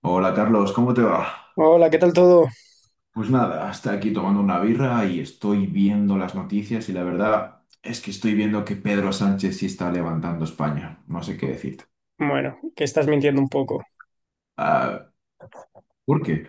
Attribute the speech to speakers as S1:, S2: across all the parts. S1: Hola Carlos, ¿cómo te va?
S2: Hola, ¿qué tal todo?
S1: Pues nada, hasta aquí tomando una birra y estoy viendo las noticias y la verdad es que estoy viendo que Pedro Sánchez sí está levantando España. No sé qué decirte.
S2: Bueno, que estás mintiendo un poco.
S1: Ah, ¿por qué?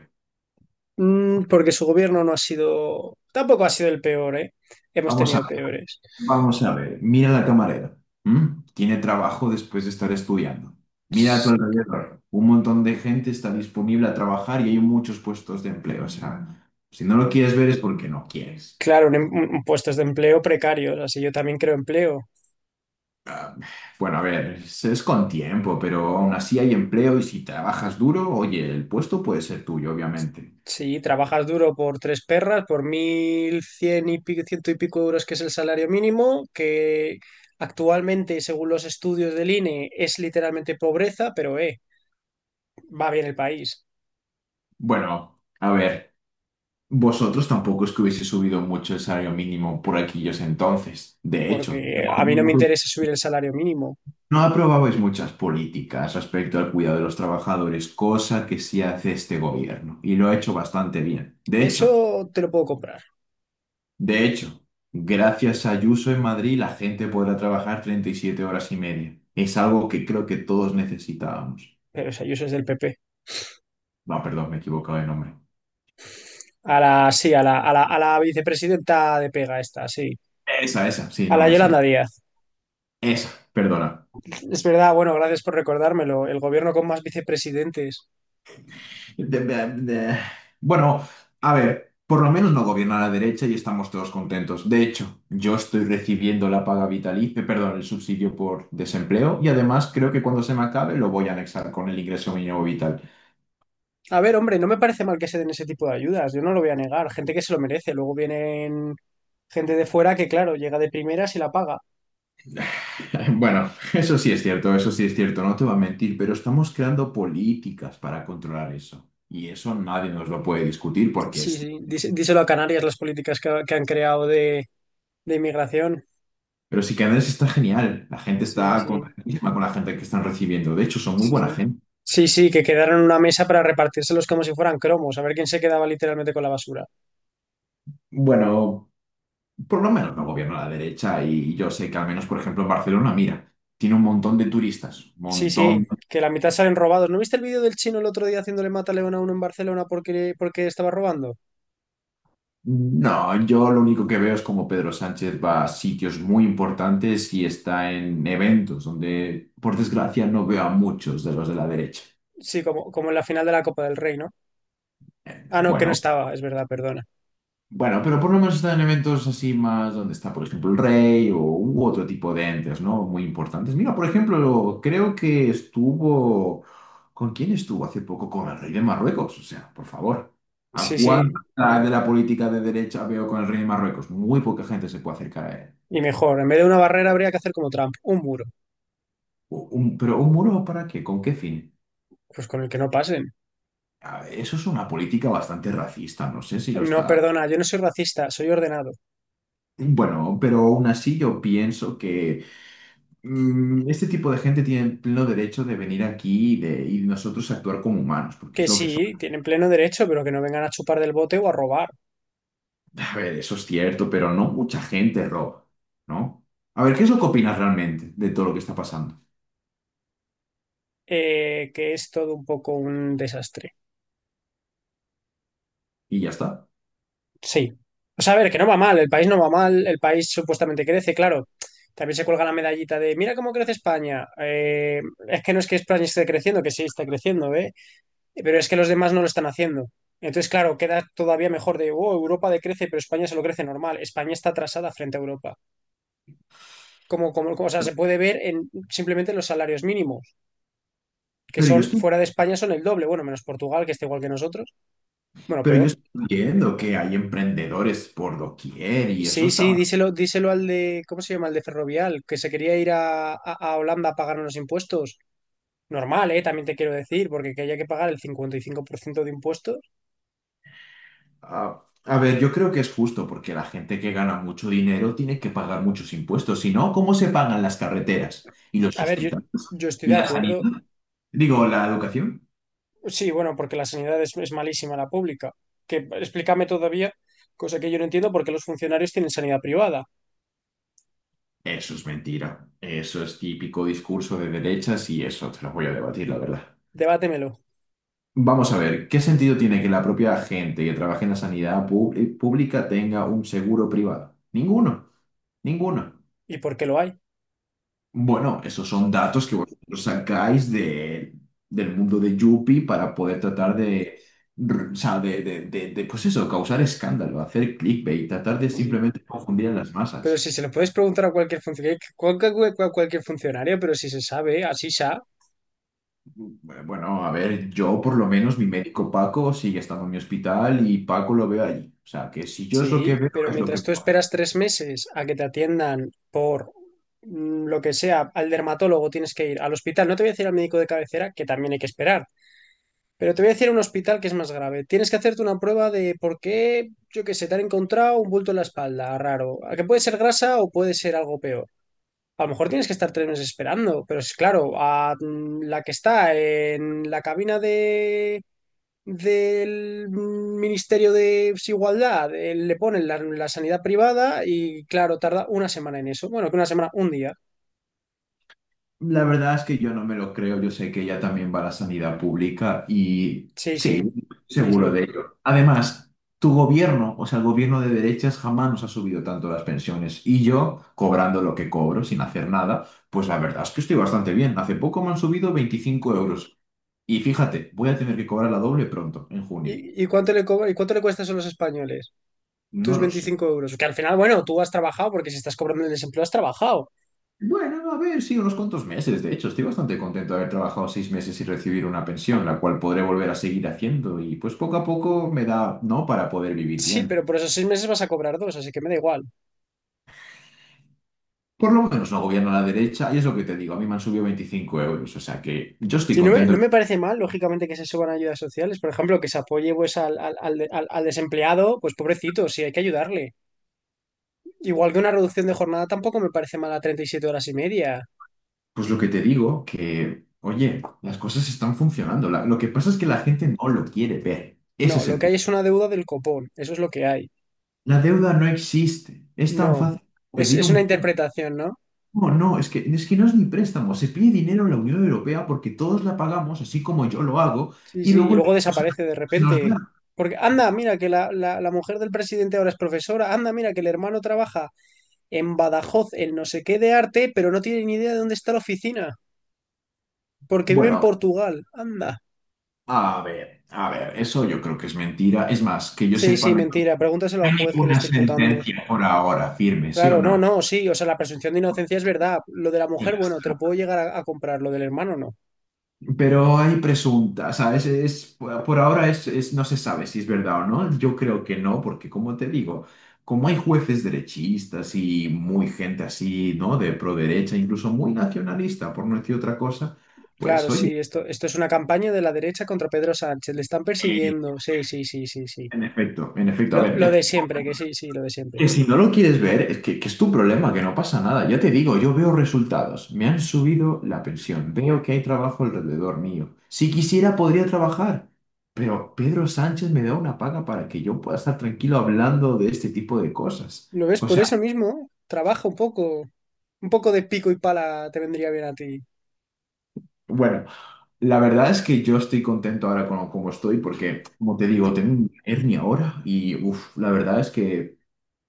S2: Porque su gobierno no ha sido, tampoco ha sido el peor, ¿eh? Hemos
S1: Vamos a,
S2: tenido peores.
S1: vamos a ver. Mira la camarera. ¿M? Tiene trabajo después de estar estudiando. Mira a tu alrededor. Un montón de gente está disponible a trabajar y hay muchos puestos de empleo. O sea, si no lo quieres ver es porque no quieres.
S2: Claro, en puestos de empleo precarios, así yo también creo empleo.
S1: Ah, bueno, a ver, es con tiempo, pero aún así hay empleo y si trabajas duro, oye, el puesto puede ser tuyo, obviamente.
S2: Si trabajas duro por tres perras, por mil cien y pico, ciento y pico euros, que es el salario mínimo, que actualmente, según los estudios del INE, es literalmente pobreza, pero va bien el país,
S1: Bueno, a ver, vosotros tampoco es que hubiese subido mucho el salario mínimo por aquellos entonces. De hecho,
S2: porque a
S1: no,
S2: mí no me
S1: no-
S2: interesa subir el salario mínimo.
S1: no aprobabais muchas políticas respecto al cuidado de los trabajadores, cosa que sí hace este gobierno y lo ha hecho bastante bien. De hecho,
S2: Eso te lo puedo comprar.
S1: De hecho, gracias a Ayuso en Madrid, la gente podrá trabajar 37 horas y media. Es algo que creo que todos necesitábamos.
S2: Pero esa Ayuso es del PP.
S1: No, perdón, me he equivocado de nombre.
S2: Sí, a la vicepresidenta de pega esta, sí.
S1: Esa, sí,
S2: A
S1: no
S2: la
S1: me sé.
S2: Yolanda Díaz.
S1: Esa, perdona.
S2: Es verdad, bueno, gracias por recordármelo. El gobierno con más vicepresidentes.
S1: De- de- de- Bueno, a ver, por lo menos no gobierna la derecha y estamos todos contentos. De hecho, yo estoy recibiendo la paga vitalicia, perdón, el subsidio por desempleo y además creo que cuando se me acabe lo voy a anexar con el ingreso mínimo vital.
S2: A ver, hombre, no me parece mal que se den ese tipo de ayudas. Yo no lo voy a negar. Gente que se lo merece. Luego vienen gente de fuera que, claro, llega de primeras y la paga.
S1: Bueno, eso sí es cierto, eso sí es cierto, no te voy a mentir, pero estamos creando políticas para controlar eso. Y eso nadie nos lo puede discutir porque
S2: Sí,
S1: es...
S2: sí. Díselo a Canarias las políticas que han creado de inmigración.
S1: Pero sí que Andrés está genial, la gente
S2: Sí,
S1: está
S2: sí.
S1: contentísima con la gente que están recibiendo, de hecho son muy
S2: Sí, sí.
S1: buena gente.
S2: Sí, sí, que quedaron en una mesa para repartírselos como si fueran cromos. A ver quién se quedaba literalmente con la basura.
S1: Bueno, por lo menos no gobierna la derecha y yo sé que al menos, por ejemplo, en Barcelona, mira, tiene un montón de turistas, un
S2: Sí, sí,
S1: montón.
S2: que la mitad salen robados. ¿No viste el vídeo del chino el otro día haciéndole mata a uno en Barcelona porque estaba robando?
S1: No, yo lo único que veo es como Pedro Sánchez va a sitios muy importantes y está en eventos donde, por desgracia, no veo a muchos de los de la derecha.
S2: Sí, como en la final de la Copa del Rey, ¿no? Ah, no, que no
S1: Bueno,
S2: estaba, es verdad, perdona.
S1: bueno, pero por lo menos está en eventos así más donde está, por ejemplo, el rey o u otro tipo de entes, ¿no? Muy importantes. Mira, por ejemplo, creo que estuvo... ¿Con quién estuvo hace poco? Con el rey de Marruecos. O sea, por favor. ¿A
S2: Sí, sí,
S1: cuánta de la política de derecha veo con el rey de Marruecos? Muy poca gente se puede acercar a él.
S2: y mejor, en vez de una barrera habría que hacer como Trump, un muro,
S1: Pero ¿un muro para qué? ¿Con qué fin?
S2: pues con el que no pasen.
S1: A ver, eso es una política bastante racista, no sé si lo
S2: No,
S1: está.
S2: perdona, yo no soy racista, soy ordenado.
S1: Bueno, pero aún así yo pienso que este tipo de gente tiene el pleno derecho de venir aquí y, de, y nosotros actuar como humanos, porque
S2: Que
S1: es lo que son.
S2: sí, tienen pleno derecho, pero que no vengan a chupar del bote o a robar.
S1: A ver, eso es cierto, pero no mucha gente roba, ¿no? A ver, ¿qué es lo que opinas realmente de todo lo que está pasando?
S2: Que es todo un poco un desastre.
S1: Y ya está.
S2: Sí. O sea, a ver, que no va mal, el país no va mal, el país supuestamente crece, claro. También se cuelga la medallita de, mira cómo crece España. Es que no es que España esté creciendo, que sí está creciendo, ¿eh? Pero es que los demás no lo están haciendo. Entonces, claro, queda todavía mejor de, oh, Europa decrece, pero España se lo crece normal. España está atrasada frente a Europa. O sea, se puede ver en simplemente los salarios mínimos, que
S1: Pero yo
S2: son
S1: estoy,
S2: fuera de España son el doble, bueno, menos Portugal, que está igual que nosotros, bueno,
S1: pero yo
S2: peor.
S1: estoy viendo que hay emprendedores por doquier y eso
S2: Sí, sí,
S1: está.
S2: díselo al de, ¿cómo se llama? Al de Ferrovial, que se quería ir a Holanda a pagar unos impuestos. Normal, ¿eh? También te quiero decir, porque que haya que pagar el 55% de impuestos.
S1: Ah, a ver, yo creo que es justo porque la gente que gana mucho dinero tiene que pagar muchos impuestos. Si no, ¿cómo se pagan las carreteras y los
S2: A ver, yo,
S1: hospitales
S2: yo estoy
S1: y
S2: de
S1: la
S2: acuerdo.
S1: sanidad? Digo, la educación.
S2: Sí, bueno, porque la sanidad es malísima, la pública. Que explícame todavía, cosa que yo no entiendo, por qué los funcionarios tienen sanidad privada.
S1: Eso es mentira. Eso es típico discurso de derechas y eso te lo voy a debatir, la verdad.
S2: Debátemelo.
S1: Vamos a ver, ¿qué sentido tiene que la propia gente que trabaja en la sanidad pública tenga un seguro privado? Ninguno, ninguno.
S2: ¿Y por qué lo hay?
S1: Bueno, esos son datos que vosotros sacáis del mundo de Yuppie para poder tratar de, o sea, pues eso, causar escándalo, hacer clickbait, tratar de
S2: Sí, sí.
S1: simplemente confundir a las
S2: Pero si
S1: masas.
S2: se lo puedes preguntar a cualquier funcionario, cualquier funcionario, pero si se sabe, así sea.
S1: Bueno, bueno, a ver, yo por lo menos, mi médico Paco sigue estando en mi hospital y Paco lo veo allí. O sea, que si yo es lo que
S2: Sí,
S1: veo,
S2: pero
S1: es lo que
S2: mientras tú
S1: veo.
S2: esperas 3 meses a que te atiendan por lo que sea, al dermatólogo tienes que ir al hospital. No te voy a decir al médico de cabecera, que también hay que esperar, pero te voy a decir a un hospital que es más grave. Tienes que hacerte una prueba de por qué, yo qué sé, te han encontrado un bulto en la espalda, raro. A que puede ser grasa o puede ser algo peor. A lo mejor tienes que estar 3 meses esperando, pero es claro, a la que está en la cabina de del Ministerio de Igualdad, le ponen la, sanidad privada y claro, tarda una semana en eso. Bueno, que una semana, un día.
S1: La verdad es que yo no me lo creo, yo sé que ella también va a la sanidad pública y
S2: Sí, sí,
S1: sí,
S2: sí,
S1: seguro
S2: sí.
S1: de ello. Además, tu gobierno, o sea, el gobierno de derechas jamás nos ha subido tanto las pensiones y yo, cobrando lo que cobro sin hacer nada, pues la verdad es que estoy bastante bien. Hace poco me han subido 25 euros y fíjate, voy a tener que cobrar la doble pronto, en junio.
S2: ¿Y cuánto le cuesta eso a los españoles?
S1: No
S2: Tus
S1: lo sé.
S2: 25 euros. Que al final, bueno, tú has trabajado porque si estás cobrando el desempleo has trabajado.
S1: Bueno, no, a ver, sí, unos cuantos meses. De hecho, estoy bastante contento de haber trabajado 6 meses y recibir una pensión, la cual podré volver a seguir haciendo y pues poco a poco me da, ¿no? Para poder vivir
S2: Sí,
S1: bien.
S2: pero por esos 6 meses vas a cobrar dos, así que me da igual.
S1: Por lo menos no gobierno a la derecha y es lo que te digo, a mí me han subido 25 euros, o sea que yo estoy
S2: Sí, no me,
S1: contento.
S2: no me parece mal, lógicamente, que se suban ayudas sociales. Por ejemplo, que se apoye pues, al desempleado, pues pobrecito, sí, hay que ayudarle. Igual que una reducción de jornada tampoco me parece mala 37 horas y media.
S1: Pues lo que te digo, que, oye, las cosas están funcionando. Lo que pasa es que la gente no lo quiere ver. Ese
S2: No,
S1: es
S2: lo
S1: el
S2: que hay
S1: punto.
S2: es una deuda del copón, eso es lo que hay.
S1: La deuda no existe. Es tan
S2: No,
S1: fácil como
S2: es,
S1: pedir
S2: es una
S1: un...
S2: interpretación, ¿no?
S1: No, no, es que, no es ni préstamo. Se pide dinero en la Unión Europea porque todos la pagamos, así como yo lo hago,
S2: Sí,
S1: y
S2: sí, y
S1: luego el
S2: luego
S1: dinero se
S2: desaparece de
S1: se nos
S2: repente.
S1: da.
S2: Porque anda, mira que la mujer del presidente ahora es profesora, anda, mira que el hermano trabaja en Badajoz, en no sé qué de arte, pero no tiene ni idea de dónde está la oficina, porque vive en
S1: Bueno,
S2: Portugal, anda.
S1: a ver, eso yo creo que es mentira. Es más, que yo
S2: Sí,
S1: sepa,
S2: sí, mentira, pregúntaselo
S1: no
S2: al
S1: hay
S2: juez que le
S1: ninguna
S2: está imputando.
S1: sentencia por ahora firme, ¿sí o
S2: Claro, no,
S1: no?
S2: no, sí, o sea, la presunción de inocencia es verdad. Lo de la
S1: Y
S2: mujer,
S1: ya
S2: bueno, te lo
S1: está.
S2: puedo llegar a comprar, lo del hermano no.
S1: Pero hay presuntas, ¿sabes? Es, por ahora no se sabe si es verdad o no. Yo creo que no, porque como te digo, como hay jueces derechistas y muy gente así, ¿no? De pro derecha, incluso muy nacionalista, por no decir otra cosa,
S2: Claro,
S1: pues
S2: sí,
S1: oye,
S2: esto es una campaña de la derecha contra Pedro Sánchez, le están
S1: eh,
S2: persiguiendo, sí, sí, sí, sí, sí.
S1: en efecto, a
S2: Lo,
S1: ver,
S2: lo
S1: ya.
S2: de siempre, que sí, sí, lo de siempre.
S1: Que si no lo quieres ver, es que, es tu problema, que no pasa nada. Ya te digo, yo veo resultados. Me han subido la pensión. Veo que hay trabajo alrededor mío. Si quisiera, podría trabajar. Pero Pedro Sánchez me da una paga para que yo pueda estar tranquilo hablando de este tipo de cosas.
S2: ¿Lo ves?
S1: O
S2: Por
S1: sea,
S2: eso mismo, trabaja un poco de pico y pala te vendría bien a ti.
S1: bueno, la verdad es que yo estoy contento ahora con como estoy porque, como te digo, tengo una hernia ahora y, uff, la verdad es que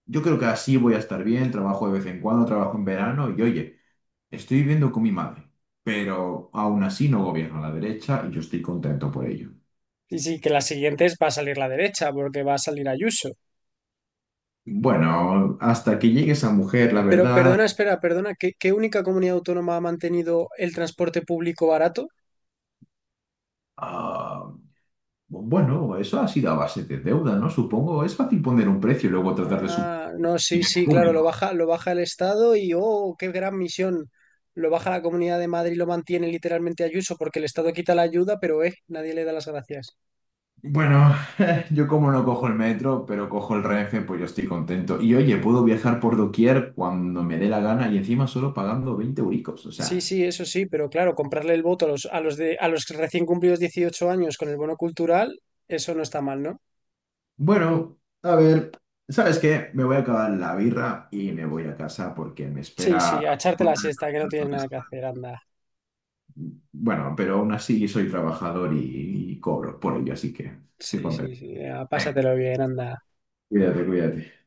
S1: yo creo que así voy a estar bien. Trabajo de vez en cuando, trabajo en verano y, oye. Estoy viviendo con mi madre, pero aún así no gobierna la derecha y yo estoy contento por ello.
S2: Y sí, que las siguientes va a salir la derecha, porque va a salir Ayuso.
S1: Bueno, hasta que llegue esa mujer, la
S2: Pero
S1: verdad,
S2: perdona, espera, perdona, ¿qué única comunidad autónoma ha mantenido el transporte público barato?
S1: ah, bueno, eso ha sido a base de deuda, ¿no? Supongo, es fácil poner un precio y luego tratar de subir
S2: Ah, no, sí,
S1: dinero
S2: sí, claro, lo
S1: público.
S2: baja, lo baja el Estado y oh, qué gran misión. Lo baja la Comunidad de Madrid, lo mantiene literalmente Ayuso, porque el Estado quita la ayuda, pero nadie le da las gracias.
S1: Bueno, yo como no cojo el metro, pero cojo el Renfe, pues yo estoy contento. Y oye, puedo viajar por doquier cuando me dé la gana y encima solo pagando 20 euricos, o
S2: Sí,
S1: sea...
S2: sí, eso sí, pero claro, comprarle el voto a los recién cumplidos 18 años con el bono cultural, eso no está mal, ¿no?
S1: Bueno, a ver, ¿sabes qué? Me voy a acabar la birra y me voy a casa porque me
S2: Sí, sí,
S1: espera...
S2: a echarte la
S1: una-
S2: siesta, que no tienes nada que hacer, anda.
S1: Bueno, pero aún así soy trabajador y, cobro por ello, así que estoy
S2: Sí, sí,
S1: contento.
S2: sí, a
S1: Venga,
S2: pásatelo bien, anda.
S1: cuídate, cuídate.